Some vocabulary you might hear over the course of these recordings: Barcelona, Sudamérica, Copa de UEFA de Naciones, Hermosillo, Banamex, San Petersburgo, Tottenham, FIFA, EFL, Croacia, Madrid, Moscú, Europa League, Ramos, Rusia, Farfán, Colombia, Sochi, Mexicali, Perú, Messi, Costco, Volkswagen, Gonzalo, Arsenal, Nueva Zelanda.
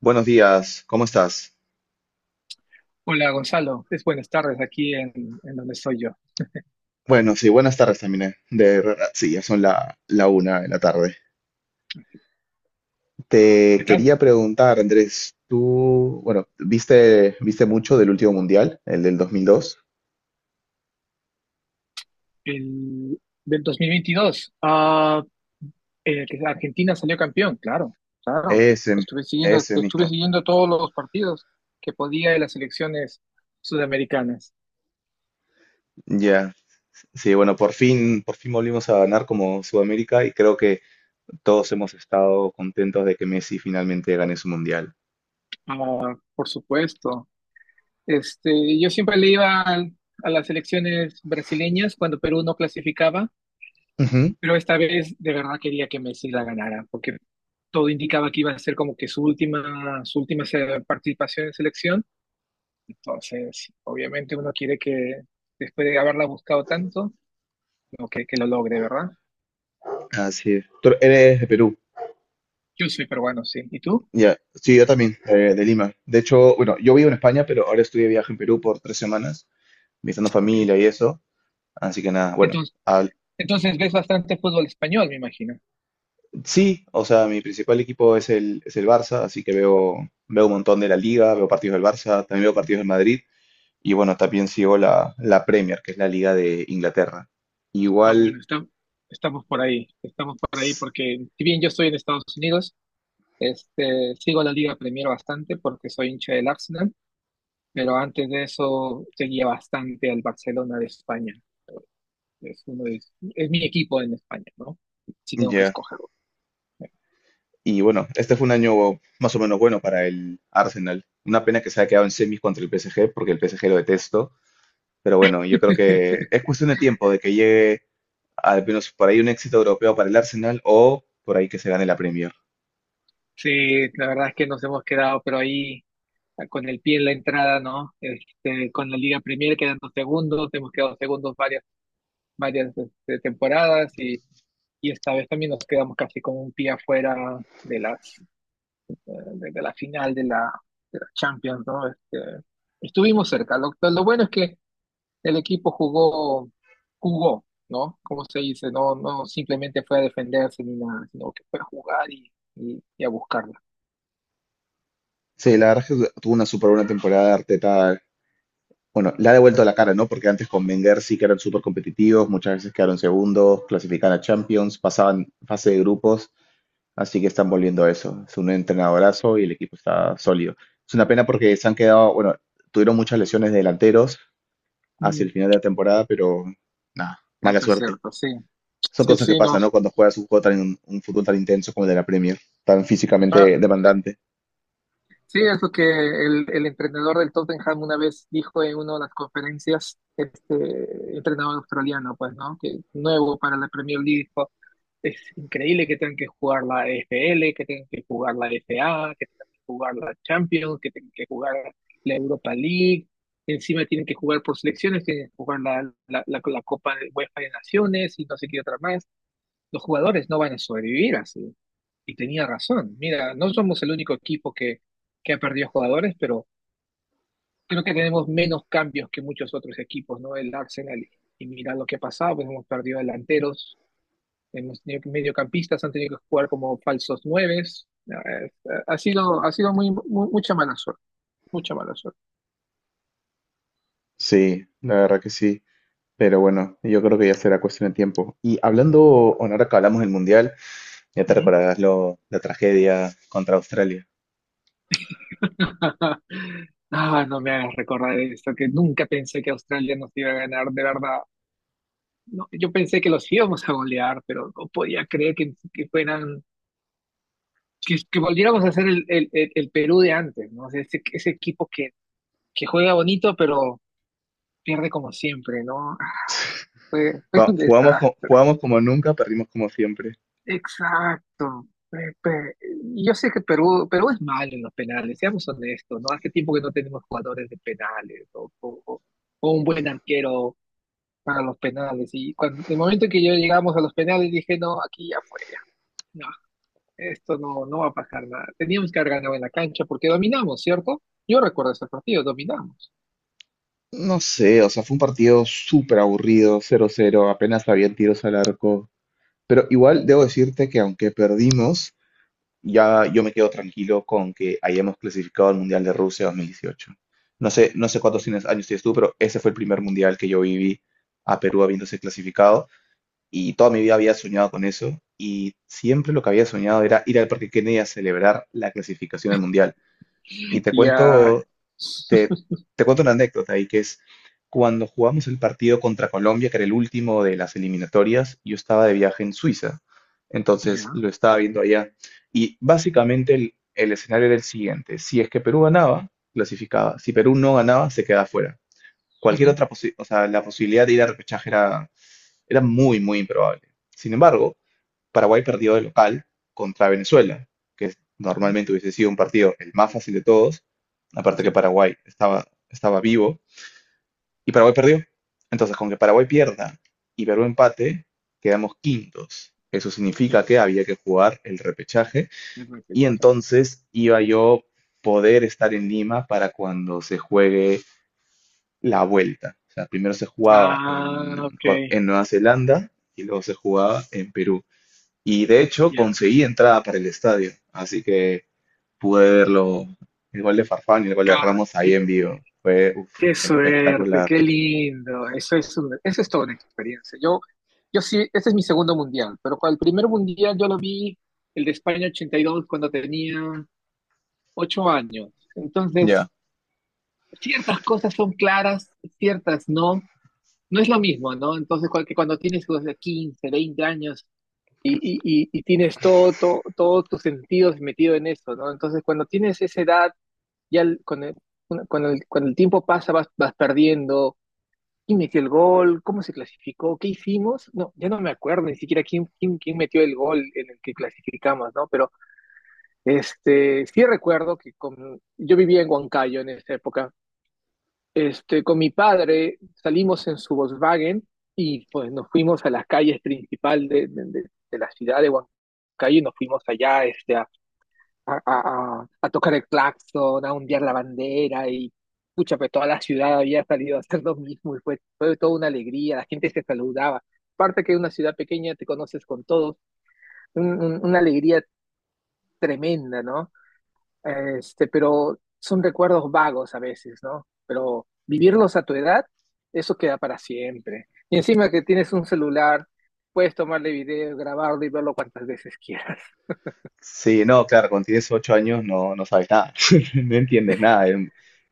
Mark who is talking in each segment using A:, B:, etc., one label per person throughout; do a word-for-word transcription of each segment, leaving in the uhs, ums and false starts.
A: Buenos días, ¿cómo estás?
B: Hola Gonzalo, es buenas tardes aquí en, en donde estoy yo.
A: Bueno, sí, buenas tardes también. eh, De verdad, sí, ya son la, la una de la tarde. Te
B: ¿Qué tal?
A: quería preguntar, Andrés, tú, bueno, ¿viste, viste mucho del último mundial, el del dos mil dos?
B: El, Del dos mil veintidós, ah, eh, que Argentina salió campeón, claro, claro.
A: Ese,
B: Estuve siguiendo,
A: ese
B: estuve
A: mismo.
B: siguiendo todos los partidos que podía de las selecciones sudamericanas.
A: Ya. Sí, bueno, por fin, por fin volvimos a ganar como Sudamérica y creo que todos hemos estado contentos de que Messi finalmente gane su mundial.
B: Ah, por supuesto. Este, yo siempre le iba al- a las selecciones brasileñas cuando Perú no clasificaba,
A: Ujú.
B: pero esta vez de verdad quería que Messi la ganara, porque todo indicaba que iba a ser como que su última, su última se- participación en selección. Entonces, obviamente uno quiere que después de haberla buscado tanto, como que, que lo logre, ¿verdad?
A: Así es. Tú eres de Perú.
B: Yo soy peruano, sí. ¿Y tú?
A: Ya, sí, yo también, eh, de Lima. De hecho, bueno, yo vivo en España, pero ahora estoy de viaje en Perú por tres semanas, visitando
B: Ok.
A: familia y eso. Así que nada, bueno,
B: Entonces,
A: al-
B: entonces ves bastante fútbol español, me imagino.
A: sí, o sea, mi principal equipo es el, es el Barça, así que veo, veo un montón de la Liga, veo partidos del Barça, también veo partidos del Madrid y bueno, también sigo la, la Premier, que es la Liga de Inglaterra.
B: Ah, bueno,
A: Igual,
B: está. Estamos por ahí, estamos por ahí
A: s-
B: porque si bien yo estoy en Estados Unidos, este, sigo la Liga Premier bastante porque soy hincha del Arsenal, pero antes de eso seguía bastante al Barcelona de España. Es, uno de- es mi equipo en España, ¿no? Si tengo que
A: ya,
B: escogerlo.
A: y bueno, este fue un año más o menos bueno para el Arsenal. Una pena que se haya quedado en semis contra el P S G, porque el P S G lo detesto. Pero bueno, yo creo que es cuestión de tiempo de que llegue al menos por ahí un éxito europeo para el Arsenal o por ahí que se gane la Premier.
B: Sí, la verdad es que nos hemos quedado, pero ahí con el pie en la entrada, ¿no? Este, con la Liga Premier quedando segundos, hemos quedado segundos varias, varias este, temporadas y, y esta vez también nos quedamos casi con un pie afuera de las, eh, de, de la final de la, de la Champions, ¿no? Este, estuvimos cerca. Lo, lo bueno es que el equipo jugó, jugó, ¿no? Como se dice, no, no simplemente fue a defenderse ni nada, sino que fue a jugar y, y, y a buscarla.
A: Sí, la verdad es que tuvo una súper buena temporada de Arteta. Bueno, le ha devuelto la cara, ¿no? Porque antes con Wenger sí que eran súper competitivos, muchas veces quedaron segundos, clasificaban a Champions, pasaban fase de grupos, así que están volviendo a eso. Es un entrenadorazo y el equipo está sólido. Es una pena porque se han quedado, bueno, tuvieron muchas lesiones de delanteros hacia el
B: Mm,
A: final de la temporada, pero nada, mala
B: eso es
A: suerte.
B: cierto, sí.
A: Son
B: Sí,
A: cosas que
B: sí,
A: pasan, ¿no?
B: nos.
A: Cuando juegas un juego tan, un fútbol tan intenso como el de la Premier, tan físicamente
B: Ah,
A: demandante.
B: sí, es que el, el entrenador del Tottenham una vez dijo en una de las conferencias, este entrenador australiano, pues, ¿no? Que nuevo para la Premier League, es increíble que tengan que jugar la E F L, que tengan que jugar la F A, que tengan que jugar la Champions, que tengan que jugar la Europa League. Encima tienen que jugar por selecciones, tienen que jugar la, la, la, la Copa de UEFA de Naciones y no sé qué otra más. Los jugadores no van a sobrevivir así. Y tenía razón. Mira, no somos el único equipo que, que ha perdido jugadores, pero creo que tenemos menos cambios que muchos otros equipos, ¿no? El Arsenal. Y mira lo que ha pasado, pues hemos perdido delanteros, hemos tenido mediocampistas han tenido que jugar como falsos nueves. Eh, Ha sido, ha sido muy, mu- mucha mala suerte, mucha mala suerte.
A: Sí, la verdad que sí. Pero bueno, yo creo que ya será cuestión de tiempo. Y hablando, bueno, ahora que hablamos del Mundial, ya te
B: Ujú.
A: recordarás lo, la tragedia contra Australia.
B: Ah, no me hagas recordar esto, que nunca pensé que Australia nos iba a ganar, de verdad. No, yo pensé que los íbamos a golear, pero no podía creer que, que fueran, que, que volviéramos a ser el, el, el- el Perú de antes, ¿no? O sea, ese, ese equipo que, que juega bonito, pero pierde como siempre, ¿no? Ah, Fue, fue
A: Ju-
B: un
A: Jugamos, co-
B: desastre.
A: jugamos como nunca, perdimos como siempre.
B: Exacto. Pe- pe- Yo sé que Perú, Perú es malo en los penales, seamos honestos, ¿no? Hace tiempo que no tenemos jugadores de penales o, o- o- o un buen arquero para los penales. Y cuando, el momento que yo llegamos a los penales dije, no, aquí ya fue, ya. No, esto no, no va a pasar nada. Teníamos que haber ganado en la cancha porque dominamos, ¿cierto? Yo recuerdo ese partido, dominamos.
A: No sé, o sea, fue un partido súper aburrido, cero cero, apenas habían tiros al arco. Pero igual debo decirte que aunque perdimos, ya yo me quedo tranquilo con que hayamos clasificado al Mundial de Rusia dos mil dieciocho. No sé, no sé cuántos tienes- años tienes tú, pero ese fue el primer Mundial que yo viví a Perú habiéndose clasificado y toda mi vida había soñado con eso y siempre lo que había soñado era ir al Parque Kennedy a celebrar la clasificación al Mundial. Y te
B: Ya.
A: cuento, te, te cuento una anécdota ahí que es cuando jugamos el partido contra Colombia, que era el último de las eliminatorias, yo estaba de viaje en Suiza, entonces
B: Ya.
A: lo estaba viendo allá. Y básicamente el, el escenario era el siguiente, si es que Perú ganaba, clasificaba, si Perú no ganaba, se quedaba fuera. Cualquier
B: Ujú,
A: otra posibilidad, o sea, la posibilidad de ir a repechaje era, era muy, muy improbable. Sin embargo, Paraguay perdió de local contra Venezuela, que es-
B: ujú.
A: normalmente hubiese sido un partido el más fácil de todos, aparte que
B: Sí,
A: Paraguay estaba, estaba vivo, y Paraguay perdió. Entonces, con que Paraguay pierda y Perú empate, quedamos quintos. Eso
B: sí,
A: significa que había que jugar el repechaje
B: es
A: y
B: repechaje.
A: entonces iba yo poder estar en Lima para cuando se juegue la vuelta. O sea, primero se jugaba
B: Ah,
A: en,
B: ok,
A: con- en Nueva Zelanda y luego se jugaba en Perú. Y de hecho
B: ya.
A: conseguí entrada para el estadio, así que pude verlo, el gol de Farfán y el gol
B: K,
A: de Ramos ahí en vivo. Fue uf,
B: qué suerte,
A: espectacular.
B: qué lindo. Eso es un- eso es toda una experiencia. Yo, yo sí, este es mi segundo mundial, pero cual- el primer mundial yo lo vi, el de España ochenta y dos cuando tenía ocho años. Entonces,
A: Ya.
B: ciertas cosas son claras, ciertas no. No es lo mismo, ¿no? Entonces, cual- que cuando tienes los de quince, veinte años y, y, y, y tienes todo, todo, todos tus sentidos metido en eso, ¿no? Entonces, cuando tienes esa edad, ya el- con el, con el, con el tiempo pasa, vas, vas perdiendo. ¿Quién metió el gol? ¿Cómo se clasificó? ¿Qué hicimos? No, ya no me acuerdo ni siquiera quién, quién, quién metió el gol en el que clasificamos, ¿no? Pero este, sí recuerdo que con, yo vivía en Huancayo en esa época. Este, con mi padre salimos en su Volkswagen y pues nos fuimos a las calles principal de, de, de- de la ciudad de Huancayo y nos fuimos allá este, a, a, a- a- a tocar el claxon, a ondear la bandera y pucha, pues toda la ciudad había salido a hacer lo mismo y fue, fue toda una alegría, la gente se saludaba. Aparte que en una ciudad pequeña te conoces con todos, un- un- una alegría tremenda, ¿no? Este, pero son recuerdos vagos a veces, ¿no? Pero vivirlos a tu edad, eso queda para siempre. Y encima que tienes un celular, puedes tomarle video, grabarlo y verlo cuantas veces quieras.
A: Sí, no, claro, cuando tienes ocho años no, no sabes nada, no entiendes nada, es,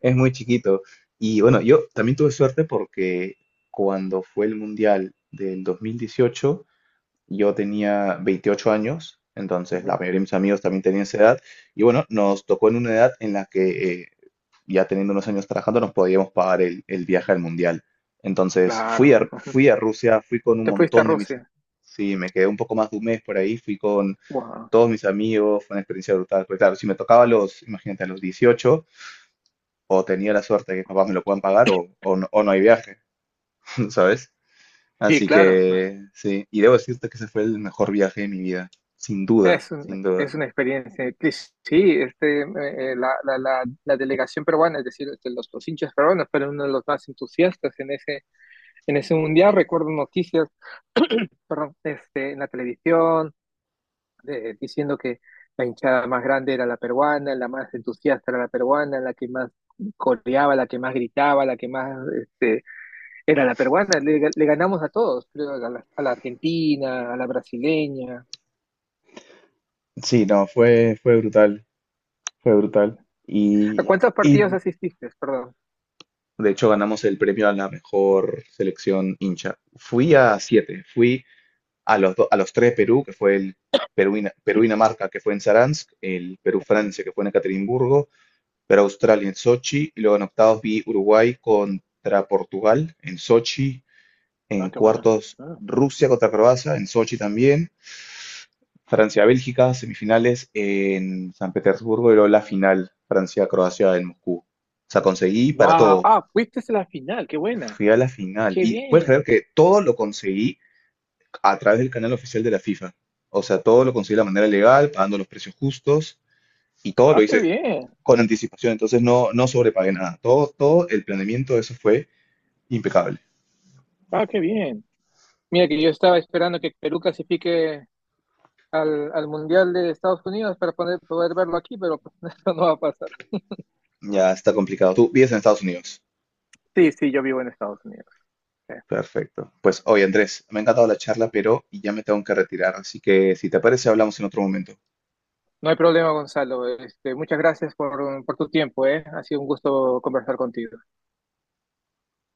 A: es muy chiquito. Y bueno, yo también tuve suerte porque cuando fue el Mundial del dos mil dieciocho, yo tenía veintiocho años, entonces la
B: Ujú,
A: mayoría de mis amigos también tenían esa edad. Y bueno, nos tocó en una edad en la que eh, ya teniendo unos años trabajando nos podíamos pagar el, el viaje al mundial. Entonces fui
B: claro.
A: a, fui a Rusia, fui con un
B: Te fuiste a
A: montón de mis...
B: Rusia.
A: Sí, me quedé un poco más de un mes por ahí, fui con
B: Wow.
A: todos mis amigos, fue una experiencia brutal. Porque claro, si me tocaba a los, imagínate, a los dieciocho, o tenía la suerte de que mis papás me lo puedan pagar o, o no, o no hay viaje, ¿sabes?
B: Sí,
A: Así
B: claro, no,
A: que sí, y debo decirte que ese fue el mejor viaje de mi vida, sin duda,
B: es un-
A: sin duda.
B: es una experiencia. Cris. Sí, este, eh, eh, la, la, la, la delegación peruana, es decir, este, los, los hinchas peruanos fueron uno de los más entusiastas en ese, en ese mundial. Recuerdo noticias, perdón, este, en la televisión de- diciendo que la hinchada más grande era la peruana, la más entusiasta era la peruana, la que más coreaba, la que más gritaba, la que más este, era la peruana. Le, le ganamos a todos, creo, a la, a la argentina, a la brasileña.
A: Sí, no, fue, fue brutal, fue brutal.
B: ¿A
A: Y,
B: cuántos partidos
A: y
B: asististe? Perdón.
A: de hecho, ganamos el premio a la mejor selección hincha. Fui a siete, fui a los, do- a los tres de Perú, que fue el Perú, y- Na- Perú y Dinamarca, que fue en Saransk, el
B: Ah,
A: Perú-Francia, que fue en Ekaterimburgo, Perú-Australia en Sochi, y luego en octavos vi Uruguay contra Portugal en Sochi,
B: ah,
A: en
B: qué buena.
A: cuartos,
B: Ah.
A: Rusia contra Croacia, en Sochi también. Francia-Bélgica, semifinales en San Petersburgo y luego la final, Francia-Croacia en Moscú. O sea, conseguí para
B: Wow,
A: todo.
B: ah, fuiste a la final, qué buena.
A: Fui a la final.
B: Qué
A: Y puedes creer
B: bien.
A: que todo lo conseguí a través del canal oficial de la FIFA. O sea, todo lo conseguí de la manera legal, pagando los precios justos y todo lo
B: Ah, qué
A: hice
B: bien.
A: con anticipación. Entonces no, no sobrepagué nada. Todo, todo el planeamiento de eso fue impecable.
B: Ah, qué bien. Mira que yo estaba esperando que Perú clasifique al, al Mundial de Estados Unidos para poder, poder verlo aquí, pero pues, eso no va a pasar.
A: Ya está complicado. Tú vives en Estados Unidos.
B: Sí, sí, yo vivo en Estados Unidos. Eh,
A: Perfecto. Pues oye, Andrés, me ha encantado la charla, pero ya me tengo que retirar, así que si te parece, hablamos en otro momento.
B: No hay problema, Gonzalo. Este, muchas gracias por, por tu tiempo, ¿eh? Ha sido un gusto conversar contigo.